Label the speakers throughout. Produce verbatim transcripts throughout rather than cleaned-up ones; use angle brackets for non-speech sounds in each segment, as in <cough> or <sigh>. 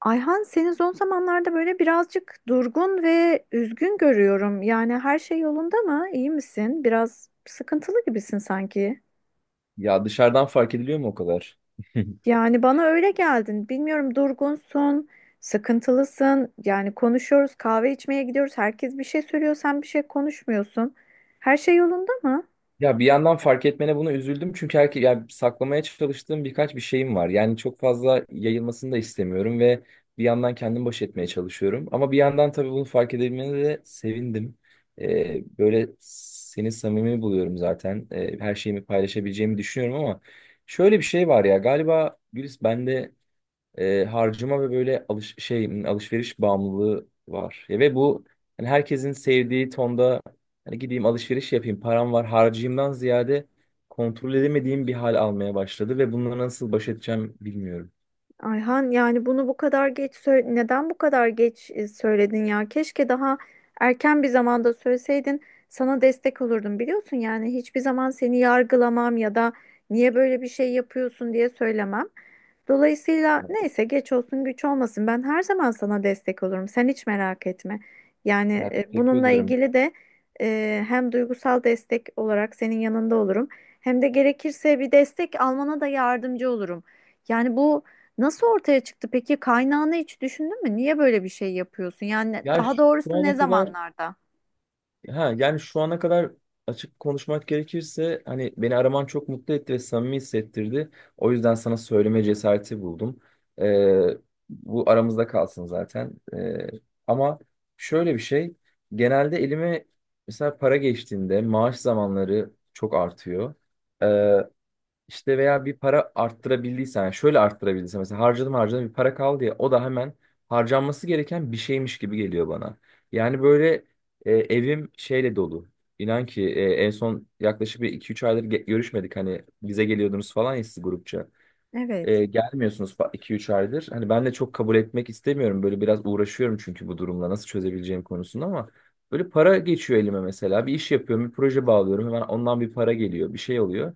Speaker 1: Ayhan seni son zamanlarda böyle birazcık durgun ve üzgün görüyorum. Yani her şey yolunda mı? İyi misin? Biraz sıkıntılı gibisin sanki.
Speaker 2: Ya dışarıdan fark ediliyor mu o kadar? <laughs>
Speaker 1: Yani bana öyle geldin. Bilmiyorum durgunsun, sıkıntılısın. Yani konuşuyoruz, kahve içmeye gidiyoruz. Herkes bir şey söylüyor, sen bir şey konuşmuyorsun. Her şey yolunda mı?
Speaker 2: Ya bir yandan fark etmene buna üzüldüm çünkü herke yani saklamaya çalıştığım birkaç bir şeyim var. Yani çok fazla yayılmasını da istemiyorum ve bir yandan kendim baş etmeye çalışıyorum. Ama bir yandan tabii bunu fark edebilmene de sevindim. Ee, böyle seni samimi buluyorum zaten. Ee, her şeyimi paylaşabileceğimi düşünüyorum ama şöyle bir şey var ya galiba Gülis bende e, harcama ve böyle alış şey alışveriş bağımlılığı var. Ya ve bu hani herkesin sevdiği tonda hani gideyim alışveriş yapayım, param var, harcayayımdan ziyade kontrol edemediğim bir hal almaya başladı ve bununla nasıl baş edeceğim bilmiyorum.
Speaker 1: Ayhan yani bunu bu kadar geç sö- neden bu kadar geç e, söyledin ya? Keşke daha erken bir zamanda söyleseydin. Sana destek olurdum biliyorsun yani hiçbir zaman seni yargılamam ya da niye böyle bir şey yapıyorsun diye söylemem. Dolayısıyla
Speaker 2: Ya,
Speaker 1: neyse geç olsun güç olmasın, ben her zaman sana destek olurum, sen hiç merak etme. Yani
Speaker 2: Ya
Speaker 1: e,
Speaker 2: teşekkür
Speaker 1: bununla
Speaker 2: ederim.
Speaker 1: ilgili de e, hem duygusal destek olarak senin yanında olurum hem de gerekirse bir destek almana da yardımcı olurum. Yani bu, nasıl ortaya çıktı peki? Kaynağını hiç düşündün mü? Niye böyle bir şey yapıyorsun? Yani
Speaker 2: Ya
Speaker 1: daha
Speaker 2: şu
Speaker 1: doğrusu ne
Speaker 2: ana kadar
Speaker 1: zamanlarda?
Speaker 2: Ha, yani şu ana kadar açık konuşmak gerekirse hani beni araman çok mutlu etti ve samimi hissettirdi. O yüzden sana söyleme cesareti buldum. Ee, Bu aramızda kalsın zaten. Ee, ama şöyle bir şey genelde elime mesela para geçtiğinde maaş zamanları çok artıyor. İşte veya bir para arttırabildiysen, yani şöyle arttırabildiysen mesela harcadım harcadım bir para kaldı ya o da hemen harcanması gereken bir şeymiş gibi geliyor bana. Yani böyle e, evim şeyle dolu. İnan ki e, en son yaklaşık bir iki üç aydır ge- görüşmedik, hani bize geliyordunuz falan ya siz grupça.
Speaker 1: Evet.
Speaker 2: E, gelmiyorsunuz iki üç aydır. Hani ben de çok kabul etmek istemiyorum. Böyle biraz uğraşıyorum çünkü bu durumla nasıl çözebileceğim konusunda. Ama böyle para geçiyor elime mesela. Bir iş yapıyorum, bir proje bağlıyorum. Hemen ondan bir para geliyor, bir şey oluyor.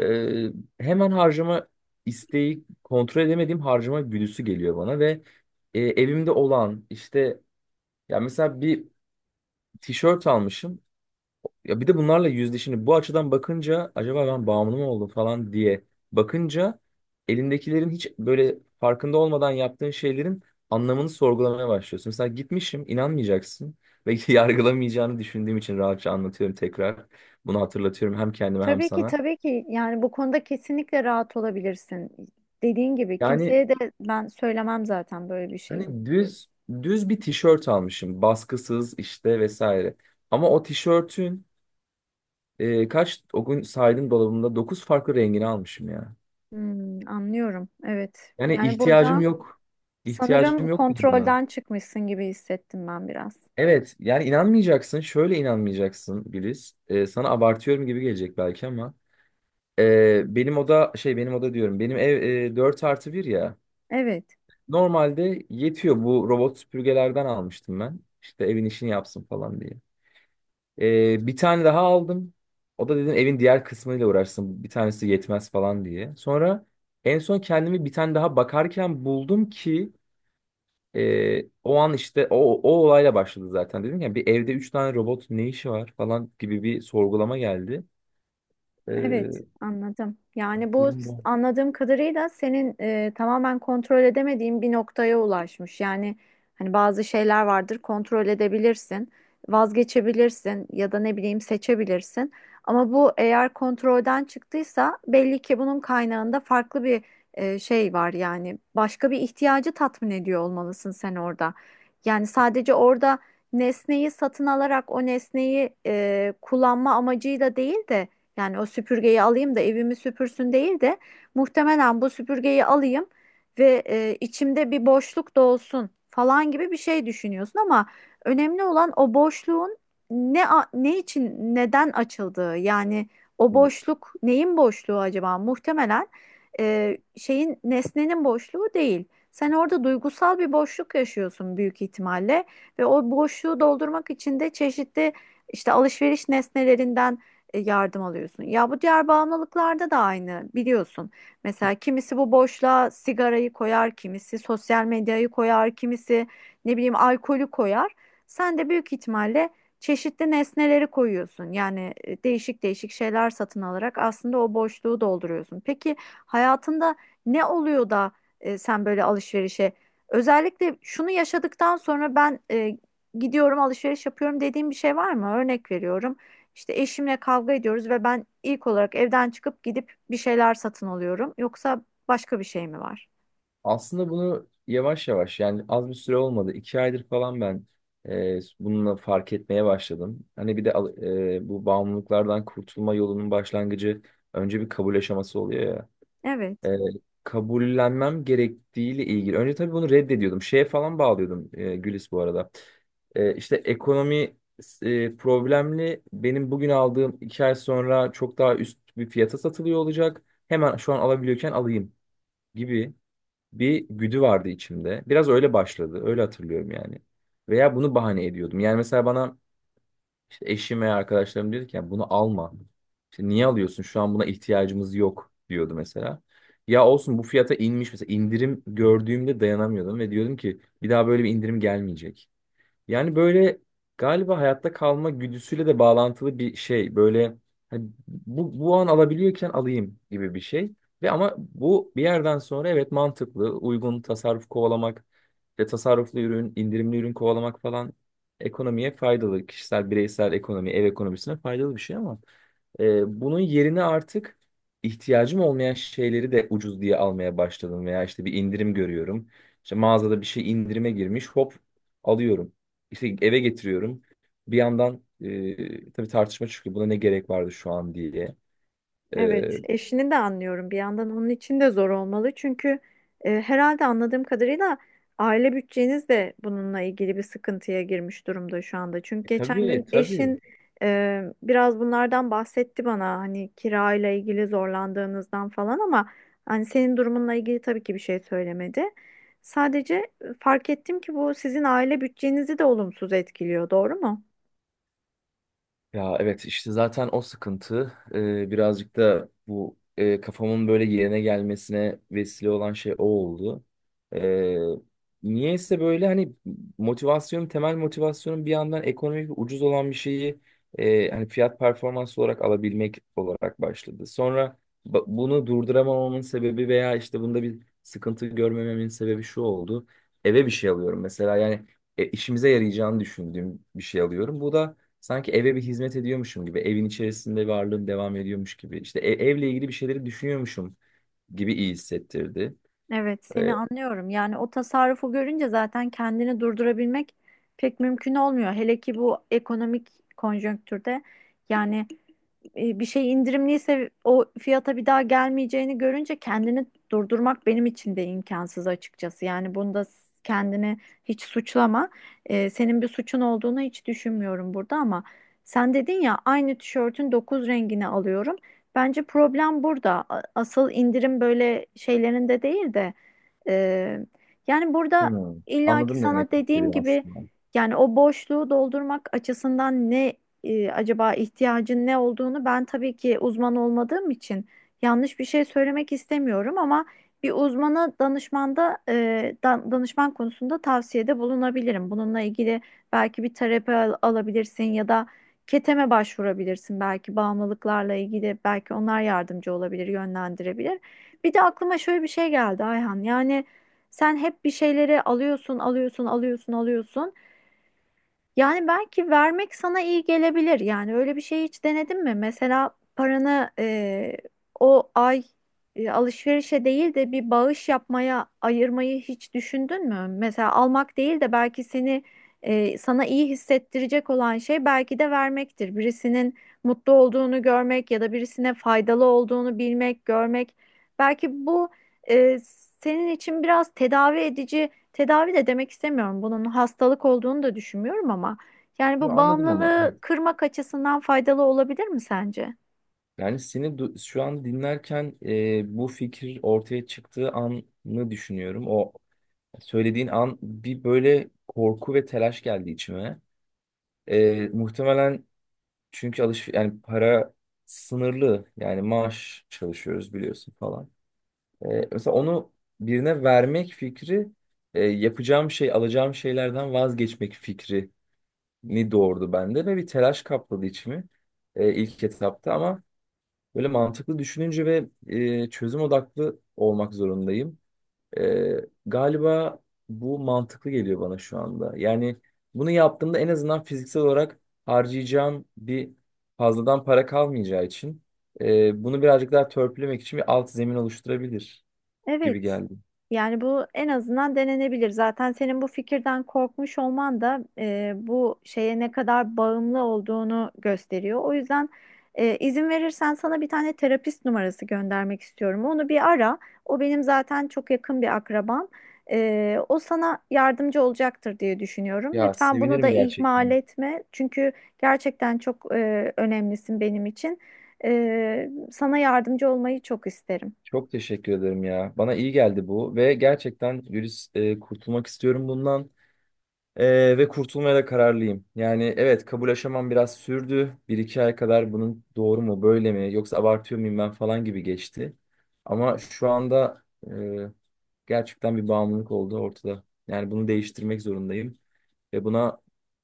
Speaker 2: Ee, Hemen harcama isteği, kontrol edemediğim harcama güdüsü geliyor bana ve e, evimde olan işte ya mesela bir tişört almışım ya bir de bunlarla yüzde şimdi bu açıdan bakınca acaba ben bağımlı mı oldum falan diye bakınca elindekilerin hiç böyle farkında olmadan yaptığın şeylerin anlamını sorgulamaya başlıyorsun. Mesela gitmişim, inanmayacaksın ve <laughs> yargılamayacağını düşündüğüm için rahatça anlatıyorum, tekrar bunu hatırlatıyorum hem kendime hem
Speaker 1: Tabii ki
Speaker 2: sana.
Speaker 1: tabii ki, yani bu konuda kesinlikle rahat olabilirsin. Dediğin gibi
Speaker 2: Yani
Speaker 1: kimseye de ben söylemem zaten böyle bir şeyi.
Speaker 2: hani düz düz bir tişört almışım. Baskısız işte vesaire. Ama o tişörtün e, kaç o gün saydım dolabımda dokuz farklı rengini almışım ya.
Speaker 1: Hmm, anlıyorum. Evet.
Speaker 2: Yani
Speaker 1: Yani
Speaker 2: ihtiyacım
Speaker 1: burada
Speaker 2: yok.
Speaker 1: sanırım
Speaker 2: İhtiyacım yok benim buna.
Speaker 1: kontrolden çıkmışsın gibi hissettim ben biraz.
Speaker 2: Evet yani inanmayacaksın. Şöyle inanmayacaksın Güliz. E, sana abartıyorum gibi gelecek belki ama e, benim oda şey benim oda diyorum. Benim ev e, dört artı bir ya.
Speaker 1: Evet.
Speaker 2: Normalde yetiyor. Bu robot süpürgelerden almıştım ben. İşte evin işini yapsın falan diye. Ee, bir tane daha aldım. O da dedim evin diğer kısmıyla uğraşsın, bir tanesi yetmez falan diye. Sonra en son kendimi bir tane daha bakarken buldum ki e, o an işte o, o olayla başladı zaten. Dedim ya bir evde üç tane robot ne işi var falan gibi bir sorgulama geldi.
Speaker 1: Evet,
Speaker 2: Ee,
Speaker 1: anladım. Yani bu
Speaker 2: Durum
Speaker 1: s-
Speaker 2: bu.
Speaker 1: anladığım kadarıyla senin e, tamamen kontrol edemediğin bir noktaya ulaşmış. Yani hani bazı şeyler vardır, kontrol edebilirsin, vazgeçebilirsin ya da ne bileyim seçebilirsin. Ama bu eğer kontrolden çıktıysa belli ki bunun kaynağında farklı bir e, şey var, yani başka bir ihtiyacı tatmin ediyor olmalısın sen orada. Yani sadece orada nesneyi satın alarak o nesneyi e, kullanma amacıyla değil de, yani o süpürgeyi alayım da evimi süpürsün değil de muhtemelen bu süpürgeyi alayım ve e, içimde bir boşluk dolsun falan gibi bir şey düşünüyorsun. Ama önemli olan o boşluğun ne a- ne için neden açıldığı, yani o boşluk neyin boşluğu acaba? Muhtemelen e, şeyin, nesnenin boşluğu değil. Sen orada duygusal bir boşluk yaşıyorsun büyük ihtimalle ve o boşluğu doldurmak için de çeşitli işte alışveriş nesnelerinden e, yardım alıyorsun. Ya bu diğer bağımlılıklarda da aynı, biliyorsun. Mesela kimisi bu boşluğa sigarayı koyar, kimisi sosyal medyayı koyar, kimisi ne bileyim alkolü koyar. Sen de büyük ihtimalle çeşitli nesneleri koyuyorsun. Yani e, değişik değişik şeyler satın alarak aslında o boşluğu dolduruyorsun. Peki hayatında ne oluyor da e, sen böyle alışverişe, özellikle şunu yaşadıktan sonra ben e, gidiyorum alışveriş yapıyorum dediğim bir şey var mı? Örnek veriyorum. İşte eşimle kavga ediyoruz ve ben ilk olarak evden çıkıp gidip bir şeyler satın alıyorum. Yoksa başka bir şey mi var?
Speaker 2: Aslında bunu yavaş yavaş, yani az bir süre olmadı, iki aydır falan ben e, bununla fark etmeye başladım. Hani bir de al- e, bu bağımlılıklardan kurtulma yolunun başlangıcı önce bir kabul aşaması oluyor ya.
Speaker 1: Evet.
Speaker 2: E, Kabullenmem gerektiğiyle ilgili. Önce tabii bunu reddediyordum. Şeye falan bağlıyordum e, Gülis bu arada. E, işte ekonomi e, problemli. Benim bugün aldığım iki ay sonra çok daha üst bir fiyata satılıyor olacak. Hemen şu an alabiliyorken alayım gibi bir güdü vardı içimde. Biraz öyle başladı. Öyle hatırlıyorum yani. Veya bunu bahane ediyordum. Yani mesela bana işte eşim veya arkadaşlarım diyordu ki, "Ya bunu alma. İşte niye alıyorsun? Şu an buna ihtiyacımız yok," diyordu mesela. Ya olsun, bu fiyata inmiş mesela, indirim gördüğümde dayanamıyordum ve diyordum ki bir daha böyle bir indirim gelmeyecek. Yani böyle galiba hayatta kalma güdüsüyle de bağlantılı bir şey. Böyle hani bu, bu an alabiliyorken alayım gibi bir şey. Ve ama bu bir yerden sonra, evet, mantıklı, uygun tasarruf kovalamak ve tasarruflu ürün, indirimli ürün kovalamak falan ekonomiye faydalı. Kişisel, bireysel ekonomi, ev ekonomisine faydalı bir şey ama e, bunun yerine artık ihtiyacım olmayan şeyleri de ucuz diye almaya başladım veya işte bir indirim görüyorum. İşte mağazada bir şey indirime girmiş, hop alıyorum. İşte eve getiriyorum. Bir yandan e, tabii tartışma çıkıyor. Buna ne gerek vardı şu an diye. E,
Speaker 1: Evet, eşini de anlıyorum. Bir yandan onun için de zor olmalı. Çünkü e, herhalde anladığım kadarıyla aile bütçeniz de bununla ilgili bir sıkıntıya girmiş durumda şu anda. Çünkü geçen gün
Speaker 2: tabii tabii.
Speaker 1: eşin e, biraz bunlardan bahsetti bana. Hani kirayla ilgili zorlandığınızdan falan, ama hani senin durumunla ilgili tabii ki bir şey söylemedi. Sadece e, fark ettim ki bu sizin aile bütçenizi de olumsuz etkiliyor, doğru mu?
Speaker 2: Ya evet işte zaten o sıkıntı, e, birazcık da bu, e, kafamın böyle yerine gelmesine vesile olan şey o oldu. E, Niyeyse böyle hani motivasyon temel motivasyonum bir yandan ekonomik ve ucuz olan bir şeyi e, hani fiyat performans olarak alabilmek olarak başladı. Sonra ba- bunu durduramamamın sebebi veya işte bunda bir sıkıntı görmememin sebebi şu oldu. Eve bir şey alıyorum mesela, yani e, işimize yarayacağını düşündüğüm bir şey alıyorum. Bu da sanki eve bir hizmet ediyormuşum gibi, evin içerisinde varlığım devam ediyormuş gibi, işte e- evle ilgili bir şeyleri düşünüyormuşum gibi iyi hissettirdi.
Speaker 1: Evet,
Speaker 2: Ee,
Speaker 1: seni anlıyorum. Yani o tasarrufu görünce zaten kendini durdurabilmek pek mümkün olmuyor. Hele ki bu ekonomik konjonktürde, yani e, bir şey indirimliyse o fiyata bir daha gelmeyeceğini görünce kendini durdurmak benim için de imkansız açıkçası. Yani bunda kendini hiç suçlama. E, senin bir suçun olduğunu hiç düşünmüyorum burada, ama sen dedin ya aynı tişörtün dokuz rengini alıyorum. Bence problem burada. A- Asıl indirim böyle şeylerinde değil de e, yani burada
Speaker 2: hmm,
Speaker 1: illaki
Speaker 2: anladım demek
Speaker 1: sana dediğim
Speaker 2: istediğini
Speaker 1: gibi
Speaker 2: aslında.
Speaker 1: yani o boşluğu doldurmak açısından ne e, acaba ihtiyacın ne olduğunu ben tabii ki uzman olmadığım için yanlış bir şey söylemek istemiyorum, ama bir uzmana danışmanda e, dan- danışman konusunda tavsiyede bulunabilirim. Bununla ilgili belki bir terapi al- alabilirsin ya da keteme başvurabilirsin belki, bağımlılıklarla ilgili belki onlar yardımcı olabilir, yönlendirebilir. Bir de aklıma şöyle bir şey geldi Ayhan. Yani sen hep bir şeyleri alıyorsun, alıyorsun, alıyorsun, alıyorsun. Yani belki vermek sana iyi gelebilir. Yani öyle bir şey hiç denedin mi? Mesela paranı e, o ay e, alışverişe değil de bir bağış yapmaya ayırmayı hiç düşündün mü? Mesela almak değil de belki seni e, sana iyi hissettirecek olan şey belki de vermektir. Birisinin mutlu olduğunu görmek ya da birisine faydalı olduğunu bilmek, görmek. Belki bu e, senin için biraz tedavi edici, tedavi de demek istemiyorum, bunun hastalık olduğunu da düşünmüyorum, ama yani
Speaker 2: Yo,
Speaker 1: bu
Speaker 2: anladım ama.
Speaker 1: bağımlılığı
Speaker 2: Evet.
Speaker 1: kırmak açısından faydalı olabilir mi sence?
Speaker 2: Yani seni du- şu an dinlerken e, bu fikir ortaya çıktığı anı düşünüyorum. O söylediğin an bir böyle korku ve telaş geldi içime. E, muhtemelen çünkü alış yani para sınırlı, yani maaş çalışıyoruz biliyorsun falan. E, mesela onu birine vermek fikri, e, yapacağım şey, alacağım şeylerden vazgeçmek fikrini doğurdu bende ve bir telaş kapladı içimi e, ilk etapta. Ama böyle mantıklı düşününce ve e, çözüm odaklı olmak zorundayım. E, Galiba bu mantıklı geliyor bana şu anda. Yani bunu yaptığımda en azından fiziksel olarak harcayacağım bir fazladan para kalmayacağı için e, bunu birazcık daha törpülemek için bir alt zemin oluşturabilir gibi
Speaker 1: Evet.
Speaker 2: geldi.
Speaker 1: Yani bu en azından denenebilir. Zaten senin bu fikirden korkmuş olman da e, bu şeye ne kadar bağımlı olduğunu gösteriyor. O yüzden e, izin verirsen sana bir tane terapist numarası göndermek istiyorum. Onu bir ara. O benim zaten çok yakın bir akrabam. E, o sana yardımcı olacaktır diye düşünüyorum.
Speaker 2: Ya
Speaker 1: Lütfen bunu da
Speaker 2: sevinirim
Speaker 1: ihmal
Speaker 2: gerçekten.
Speaker 1: etme. Çünkü gerçekten çok e, önemlisin benim için. E, sana yardımcı olmayı çok isterim.
Speaker 2: Çok teşekkür ederim ya. Bana iyi geldi bu ve gerçekten Güliz e, kurtulmak istiyorum bundan. E, ve kurtulmaya da kararlıyım. Yani evet, kabul aşamam biraz sürdü. Bir iki ay kadar bunun doğru mu böyle mi yoksa abartıyor muyum ben falan gibi geçti. Ama şu anda e, gerçekten bir bağımlılık oldu ortada. Yani bunu değiştirmek zorundayım. Ve buna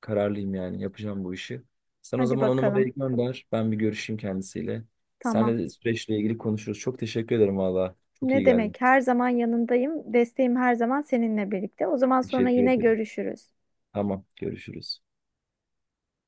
Speaker 2: kararlıyım, yani yapacağım bu işi. Sen o
Speaker 1: Hadi
Speaker 2: zaman o
Speaker 1: bakalım.
Speaker 2: numarayı gönder. Ben bir görüşeyim kendisiyle.
Speaker 1: Tamam.
Speaker 2: Seninle de süreçle ilgili konuşuruz. Çok teşekkür ederim valla. Çok iyi
Speaker 1: Ne
Speaker 2: geldin.
Speaker 1: demek? Her zaman yanındayım. Desteğim her zaman seninle birlikte. O zaman sonra
Speaker 2: Teşekkür
Speaker 1: yine
Speaker 2: ederim.
Speaker 1: görüşürüz.
Speaker 2: Tamam, görüşürüz.